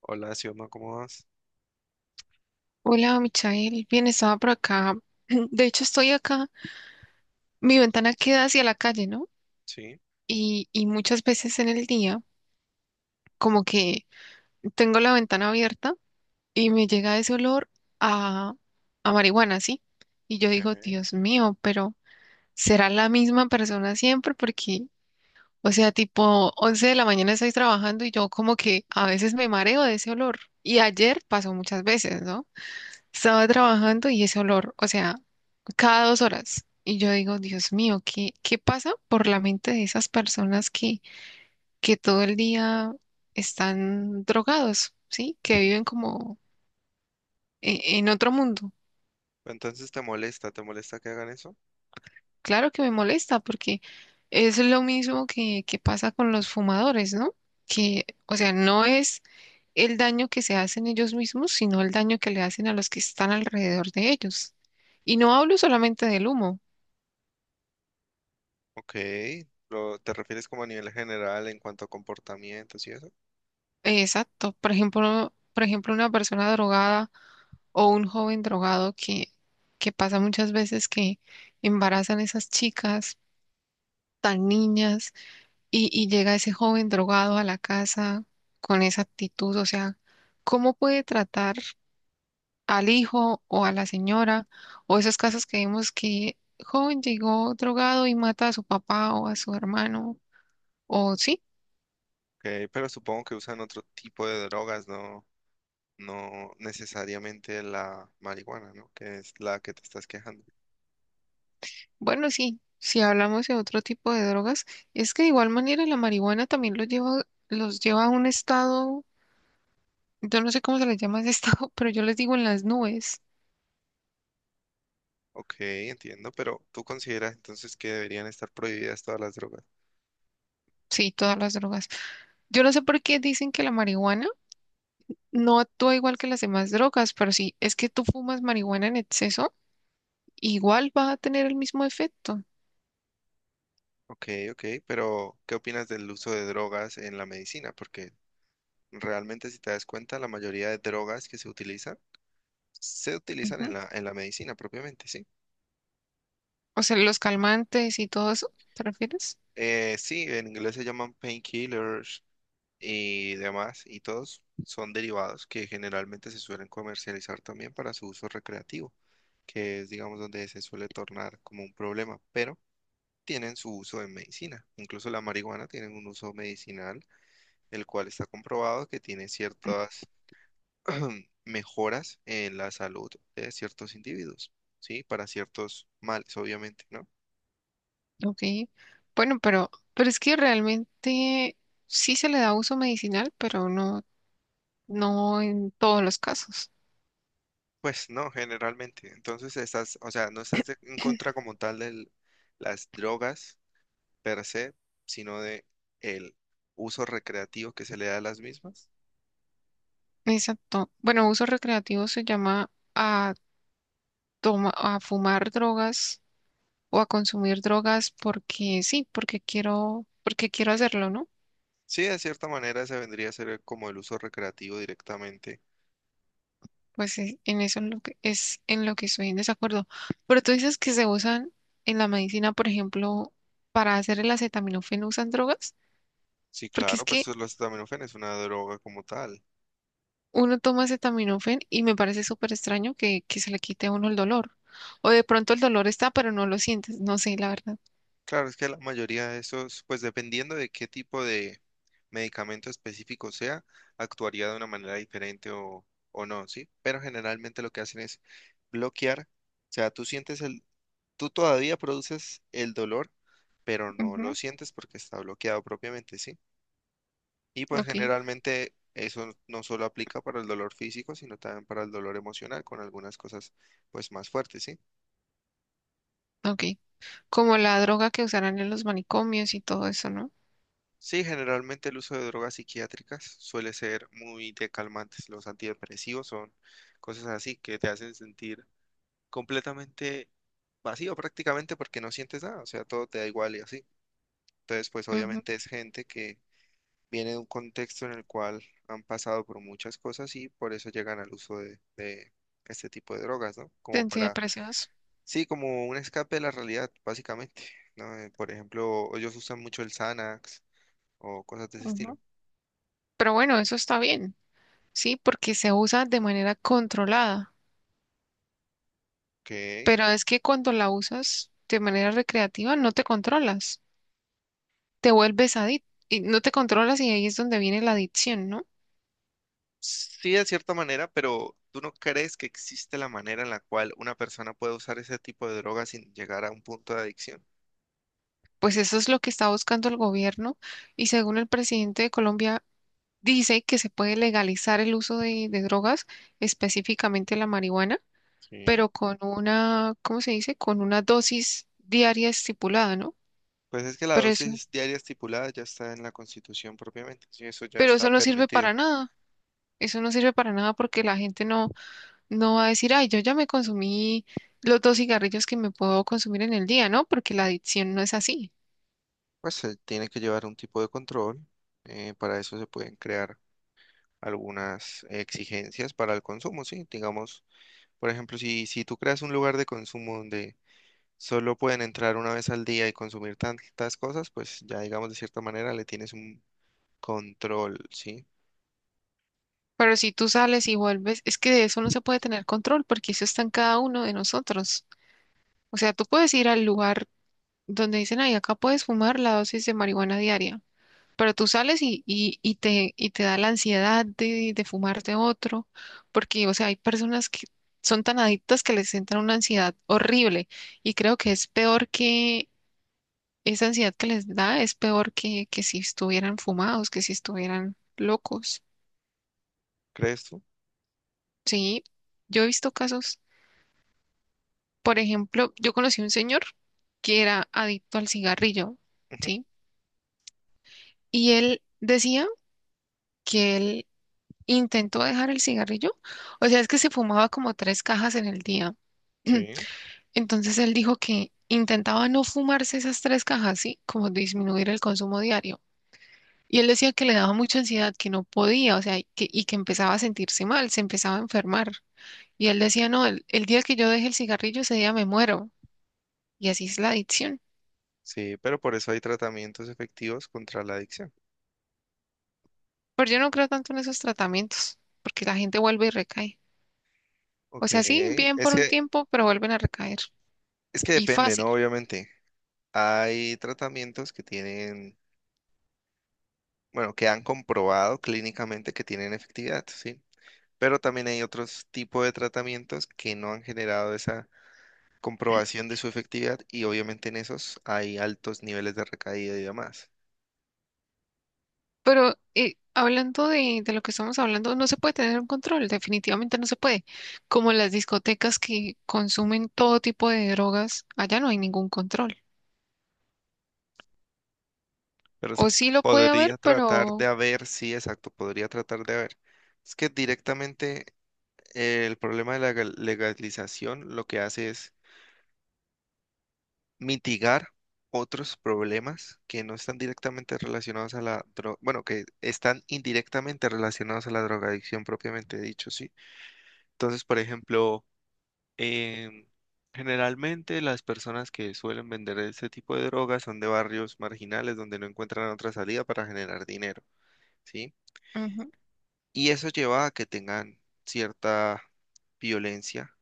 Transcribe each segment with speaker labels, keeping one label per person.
Speaker 1: Hola, Sioma, ¿cómo vas?
Speaker 2: Hola, Michael. Bien, estaba por acá. De hecho, estoy acá. Mi ventana queda hacia la calle, ¿no?
Speaker 1: Sí,
Speaker 2: Y muchas veces en el día, como que tengo la ventana abierta y me llega ese olor a, a marihuana, ¿sí? Y yo digo,
Speaker 1: ok.
Speaker 2: Dios mío, pero ¿será la misma persona siempre? Porque, o sea, tipo 11 de la mañana estoy trabajando y yo como que a veces me mareo de ese olor. Y ayer pasó muchas veces, ¿no? Estaba trabajando y ese olor, o sea, cada 2 horas. Y yo digo, Dios mío, ¿qué pasa por la mente de esas personas que todo el día están drogados, ¿sí? Que
Speaker 1: Ujú.
Speaker 2: viven como en otro mundo.
Speaker 1: Entonces, ¿te molesta? ¿Te molesta que hagan eso?
Speaker 2: Claro que me molesta porque es lo mismo que pasa con los fumadores, ¿no? Que, o sea, no es el daño que se hacen ellos mismos, sino el daño que le hacen a los que están alrededor de ellos. Y no hablo solamente del humo.
Speaker 1: Ok. ¿Te refieres como a nivel general en cuanto a comportamientos y eso? Ok,
Speaker 2: Exacto. Por ejemplo, una persona drogada o un joven drogado que pasa muchas veces que embarazan esas chicas tan niñas y llega ese joven drogado a la casa con esa actitud. O sea, ¿cómo puede tratar al hijo o a la señora o esos casos que vemos que joven llegó drogado y mata a su papá o a su hermano? O sí.
Speaker 1: pero supongo que usan otro tipo de drogas, no necesariamente la marihuana, ¿no? Que es la que te estás quejando.
Speaker 2: Bueno, sí, si hablamos de otro tipo de drogas, es que de igual manera la marihuana también los lleva a un estado, yo no sé cómo se les llama ese estado, pero yo les digo en las nubes,
Speaker 1: Ok, entiendo, pero ¿tú consideras entonces que deberían estar prohibidas todas las drogas?
Speaker 2: sí, todas las drogas. Yo no sé por qué dicen que la marihuana no actúa igual que las demás drogas, pero sí, es que tú fumas marihuana en exceso, igual va a tener el mismo efecto.
Speaker 1: Ok, ok, pero ¿qué opinas del uso de drogas en la medicina? Porque realmente si te das cuenta, la mayoría de drogas que se utilizan
Speaker 2: Ujú.
Speaker 1: en la medicina propiamente, ¿sí?
Speaker 2: O sea, los calmantes y todo eso, ¿te refieres?
Speaker 1: Sí, en inglés se llaman painkillers y demás, y todos son derivados que generalmente se suelen comercializar también para su uso recreativo, que es, digamos, donde se suele tornar como un problema, pero tienen su uso en medicina. Incluso la marihuana tiene un uso medicinal, el cual está comprobado que tiene ciertas mejoras en la salud de ciertos individuos, ¿sí? Para ciertos males, obviamente, ¿no?
Speaker 2: Ok. Bueno, pero es que realmente sí se le da uso medicinal, no en todos los casos.
Speaker 1: Pues no, generalmente. Entonces estás, o sea, no estás en contra como tal de las drogas per se, sino de el uso recreativo que se le da a las mismas.
Speaker 2: Exacto. Bueno, uso recreativo se llama a toma, a fumar drogas o a consumir drogas porque sí, porque quiero hacerlo, ¿no?
Speaker 1: Sí, de cierta manera se vendría a ser como el uso recreativo directamente.
Speaker 2: Pues en eso es lo que es en lo que estoy en desacuerdo. Pero tú dices que se usan en la medicina, por ejemplo, para hacer el acetaminofén, ¿usan drogas?
Speaker 1: Sí,
Speaker 2: Porque es
Speaker 1: claro, pues
Speaker 2: que
Speaker 1: los acetaminofén es una droga como tal.
Speaker 2: uno toma acetaminofén y me parece súper extraño que se le quite a uno el dolor. O de pronto el dolor está, pero no lo sientes. No sé, la verdad.
Speaker 1: Claro, es que la mayoría de esos, pues dependiendo de qué tipo de medicamento específico sea, actuaría de una manera diferente o no, ¿sí? Pero generalmente lo que hacen es bloquear, o sea, tú todavía produces el dolor, pero no lo
Speaker 2: Ujú.
Speaker 1: sientes porque está bloqueado propiamente, ¿sí? Y pues
Speaker 2: Ok,
Speaker 1: generalmente eso no solo aplica para el dolor físico, sino también para el dolor emocional, con algunas cosas pues más fuertes, ¿sí?
Speaker 2: ok. Como la droga que usarán en los manicomios y todo eso, ¿no?
Speaker 1: Sí, generalmente el uso de drogas psiquiátricas suele ser muy de calmantes. Los antidepresivos son cosas así que te hacen sentir completamente vacío prácticamente porque no sientes nada, o sea, todo te da igual y así. Entonces, pues
Speaker 2: Ujú,
Speaker 1: obviamente es gente que viene de un contexto en el cual han pasado por muchas cosas y por eso llegan al uso de este tipo de drogas, ¿no?
Speaker 2: de
Speaker 1: Como para,
Speaker 2: antidepresivos.
Speaker 1: sí, como un escape de la realidad, básicamente, ¿no? Por ejemplo, ellos usan mucho el Xanax o cosas de ese estilo.
Speaker 2: Ujú. Pero bueno, eso está bien, ¿sí? Porque se usa de manera controlada.
Speaker 1: Ok.
Speaker 2: Pero es que cuando la usas de manera recreativa no te controlas. Te vuelves adicto y no te controlas y ahí es donde viene la adicción, ¿no?
Speaker 1: Sí, de cierta manera, pero ¿tú no crees que existe la manera en la cual una persona puede usar ese tipo de droga sin llegar a un punto de adicción?
Speaker 2: Pues eso es lo que está buscando el gobierno y según el presidente de Colombia dice que se puede legalizar el uso de drogas, específicamente la marihuana,
Speaker 1: Sí.
Speaker 2: pero con una, ¿cómo se dice? Con una dosis diaria estipulada, ¿no?
Speaker 1: Pues es que la
Speaker 2: Pero eso,
Speaker 1: dosis diaria estipulada ya está en la Constitución propiamente, sí, eso ya
Speaker 2: pero
Speaker 1: está
Speaker 2: eso no sirve
Speaker 1: permitido.
Speaker 2: para nada. Eso no sirve para nada porque la gente no, no va a decir, ay, yo ya me consumí los 2 cigarrillos que me puedo consumir en el día, ¿no? Porque la adicción no es así.
Speaker 1: Pues se tiene que llevar un tipo de control, para eso se pueden crear algunas exigencias para el consumo, sí. Digamos, por ejemplo, si tú creas un lugar de consumo donde solo pueden entrar una vez al día y consumir tantas cosas, pues ya digamos de cierta manera le tienes un control, ¿sí?
Speaker 2: Pero si tú sales y vuelves, es que de eso no se puede tener control porque eso está en cada uno de nosotros. O sea, tú puedes ir al lugar donde dicen, ay, acá puedes fumar la dosis de marihuana diaria, pero tú sales y te da la ansiedad de fumarte otro, porque, o sea, hay personas que son tan adictas que les entra una ansiedad horrible y creo que es peor que esa ansiedad que les da, es peor que si estuvieran fumados, que si estuvieran locos.
Speaker 1: ¿Crees tú?
Speaker 2: Sí, yo he visto casos. Por ejemplo, yo conocí un señor que era adicto al cigarrillo,
Speaker 1: Ujú.
Speaker 2: ¿sí? Y él decía que él intentó dejar el cigarrillo, o sea, es que se fumaba como 3 cajas en el día.
Speaker 1: Sí.
Speaker 2: Entonces él dijo que intentaba no fumarse esas 3 cajas, ¿sí? Como disminuir el consumo diario. Y él decía que le daba mucha ansiedad, que no podía, o sea, y que empezaba a sentirse mal, se empezaba a enfermar. Y él decía, no, el día que yo deje el cigarrillo, ese día me muero. Y así es la adicción.
Speaker 1: Sí, pero por eso hay tratamientos efectivos contra la adicción.
Speaker 2: Pero yo no creo tanto en esos tratamientos, porque la gente vuelve y recae. O
Speaker 1: Ok,
Speaker 2: sea, sí, bien por un tiempo, pero vuelven a recaer.
Speaker 1: es que
Speaker 2: Y
Speaker 1: depende,
Speaker 2: fácil.
Speaker 1: ¿no? Obviamente, hay tratamientos que tienen, bueno, que han comprobado clínicamente que tienen efectividad, ¿sí? Pero también hay otros tipos de tratamientos que no han generado esa comprobación de su efectividad y obviamente en esos hay altos niveles de recaída y demás.
Speaker 2: Pero hablando de lo que estamos hablando, no se puede tener un control, definitivamente no se puede. Como las discotecas que consumen todo tipo de drogas, allá no hay ningún control.
Speaker 1: Pero se
Speaker 2: O sí lo puede
Speaker 1: podría
Speaker 2: haber,
Speaker 1: tratar de
Speaker 2: pero...
Speaker 1: haber, sí, exacto, podría tratar de haber. Es que directamente el problema de la legalización lo que hace es mitigar otros problemas que no están directamente relacionados a la droga, bueno, que están indirectamente relacionados a la drogadicción propiamente dicho, sí. Entonces, por ejemplo, em, generalmente las personas que suelen vender este tipo de drogas son de barrios marginales donde no encuentran otra salida para generar dinero, ¿sí?
Speaker 2: Ujú,
Speaker 1: Y eso lleva a que tengan cierta violencia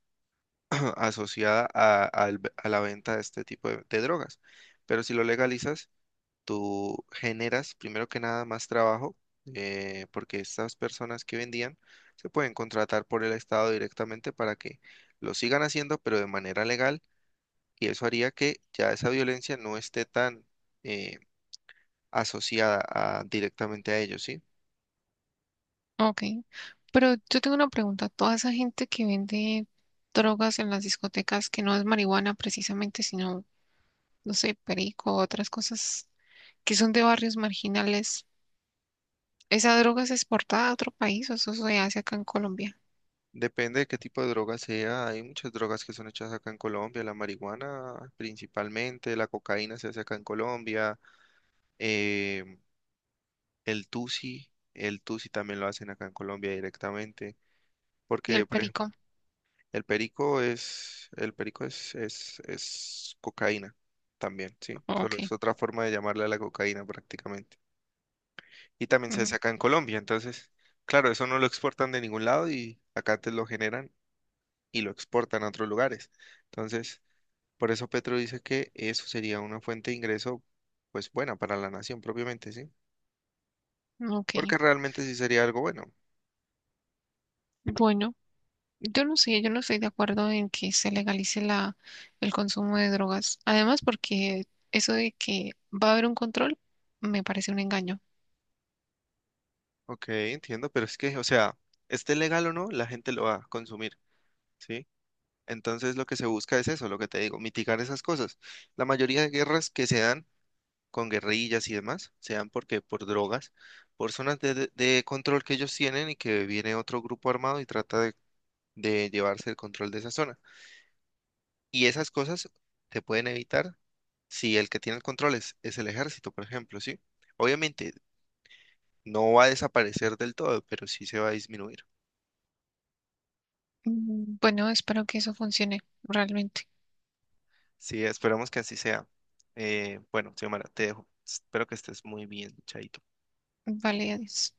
Speaker 1: asociada al a la venta de este tipo de drogas. Pero si lo legalizas, tú generas primero que nada más trabajo, porque estas personas que vendían se pueden contratar por el Estado directamente para que lo sigan haciendo, pero de manera legal. Y eso haría que ya esa violencia no esté tan eh, directamente a ellos, ¿sí?
Speaker 2: ok. Pero yo tengo una pregunta. Toda esa gente que vende drogas en las discotecas, que no es marihuana precisamente, sino no sé, perico, otras cosas que son de barrios marginales. ¿Esa droga se exporta a otro país o eso se hace acá en Colombia?
Speaker 1: Depende de qué tipo de droga sea. Hay muchas drogas que son hechas acá en Colombia. La marihuana principalmente, la cocaína se hace acá en Colombia. em, el tusi también lo hacen acá en Colombia directamente.
Speaker 2: ¿Y el
Speaker 1: Porque, por ejemplo,
Speaker 2: perico?
Speaker 1: el perico es cocaína también, ¿sí? Solo es
Speaker 2: Ok,
Speaker 1: otra forma de llamarle a la cocaína prácticamente. Y también se hace acá en Colombia. Entonces, claro, eso no lo exportan de ningún lado y acá te lo generan y lo exportan a otros lugares. Entonces, por eso Petro dice que eso sería una fuente de ingreso, pues buena para la nación propiamente, ¿sí?
Speaker 2: ujú, ok.
Speaker 1: Porque realmente sí sería algo bueno.
Speaker 2: Bueno, yo no sé, yo no estoy de acuerdo en que se legalice la, el consumo de drogas. Además, porque eso de que va a haber un control me parece un engaño.
Speaker 1: Ok, entiendo, pero es que, o sea, esté legal o no, la gente lo va a consumir, ¿sí? Entonces lo que se busca es eso, lo que te digo, mitigar esas cosas. La mayoría de guerras que se dan con guerrillas y demás, se dan porque por drogas, por zonas de control que ellos tienen y que viene otro grupo armado y trata de llevarse el control de esa zona. Y esas cosas se pueden evitar si el que tiene el control es el ejército, por ejemplo, ¿sí? Obviamente no va a desaparecer del todo, pero sí se va a disminuir.
Speaker 2: Mm, bueno, espero que eso funcione realmente.
Speaker 1: Sí, esperamos que así sea. Bueno, Xiomara, te dejo. Espero que estés muy bien, chaito.
Speaker 2: Vale, adiós.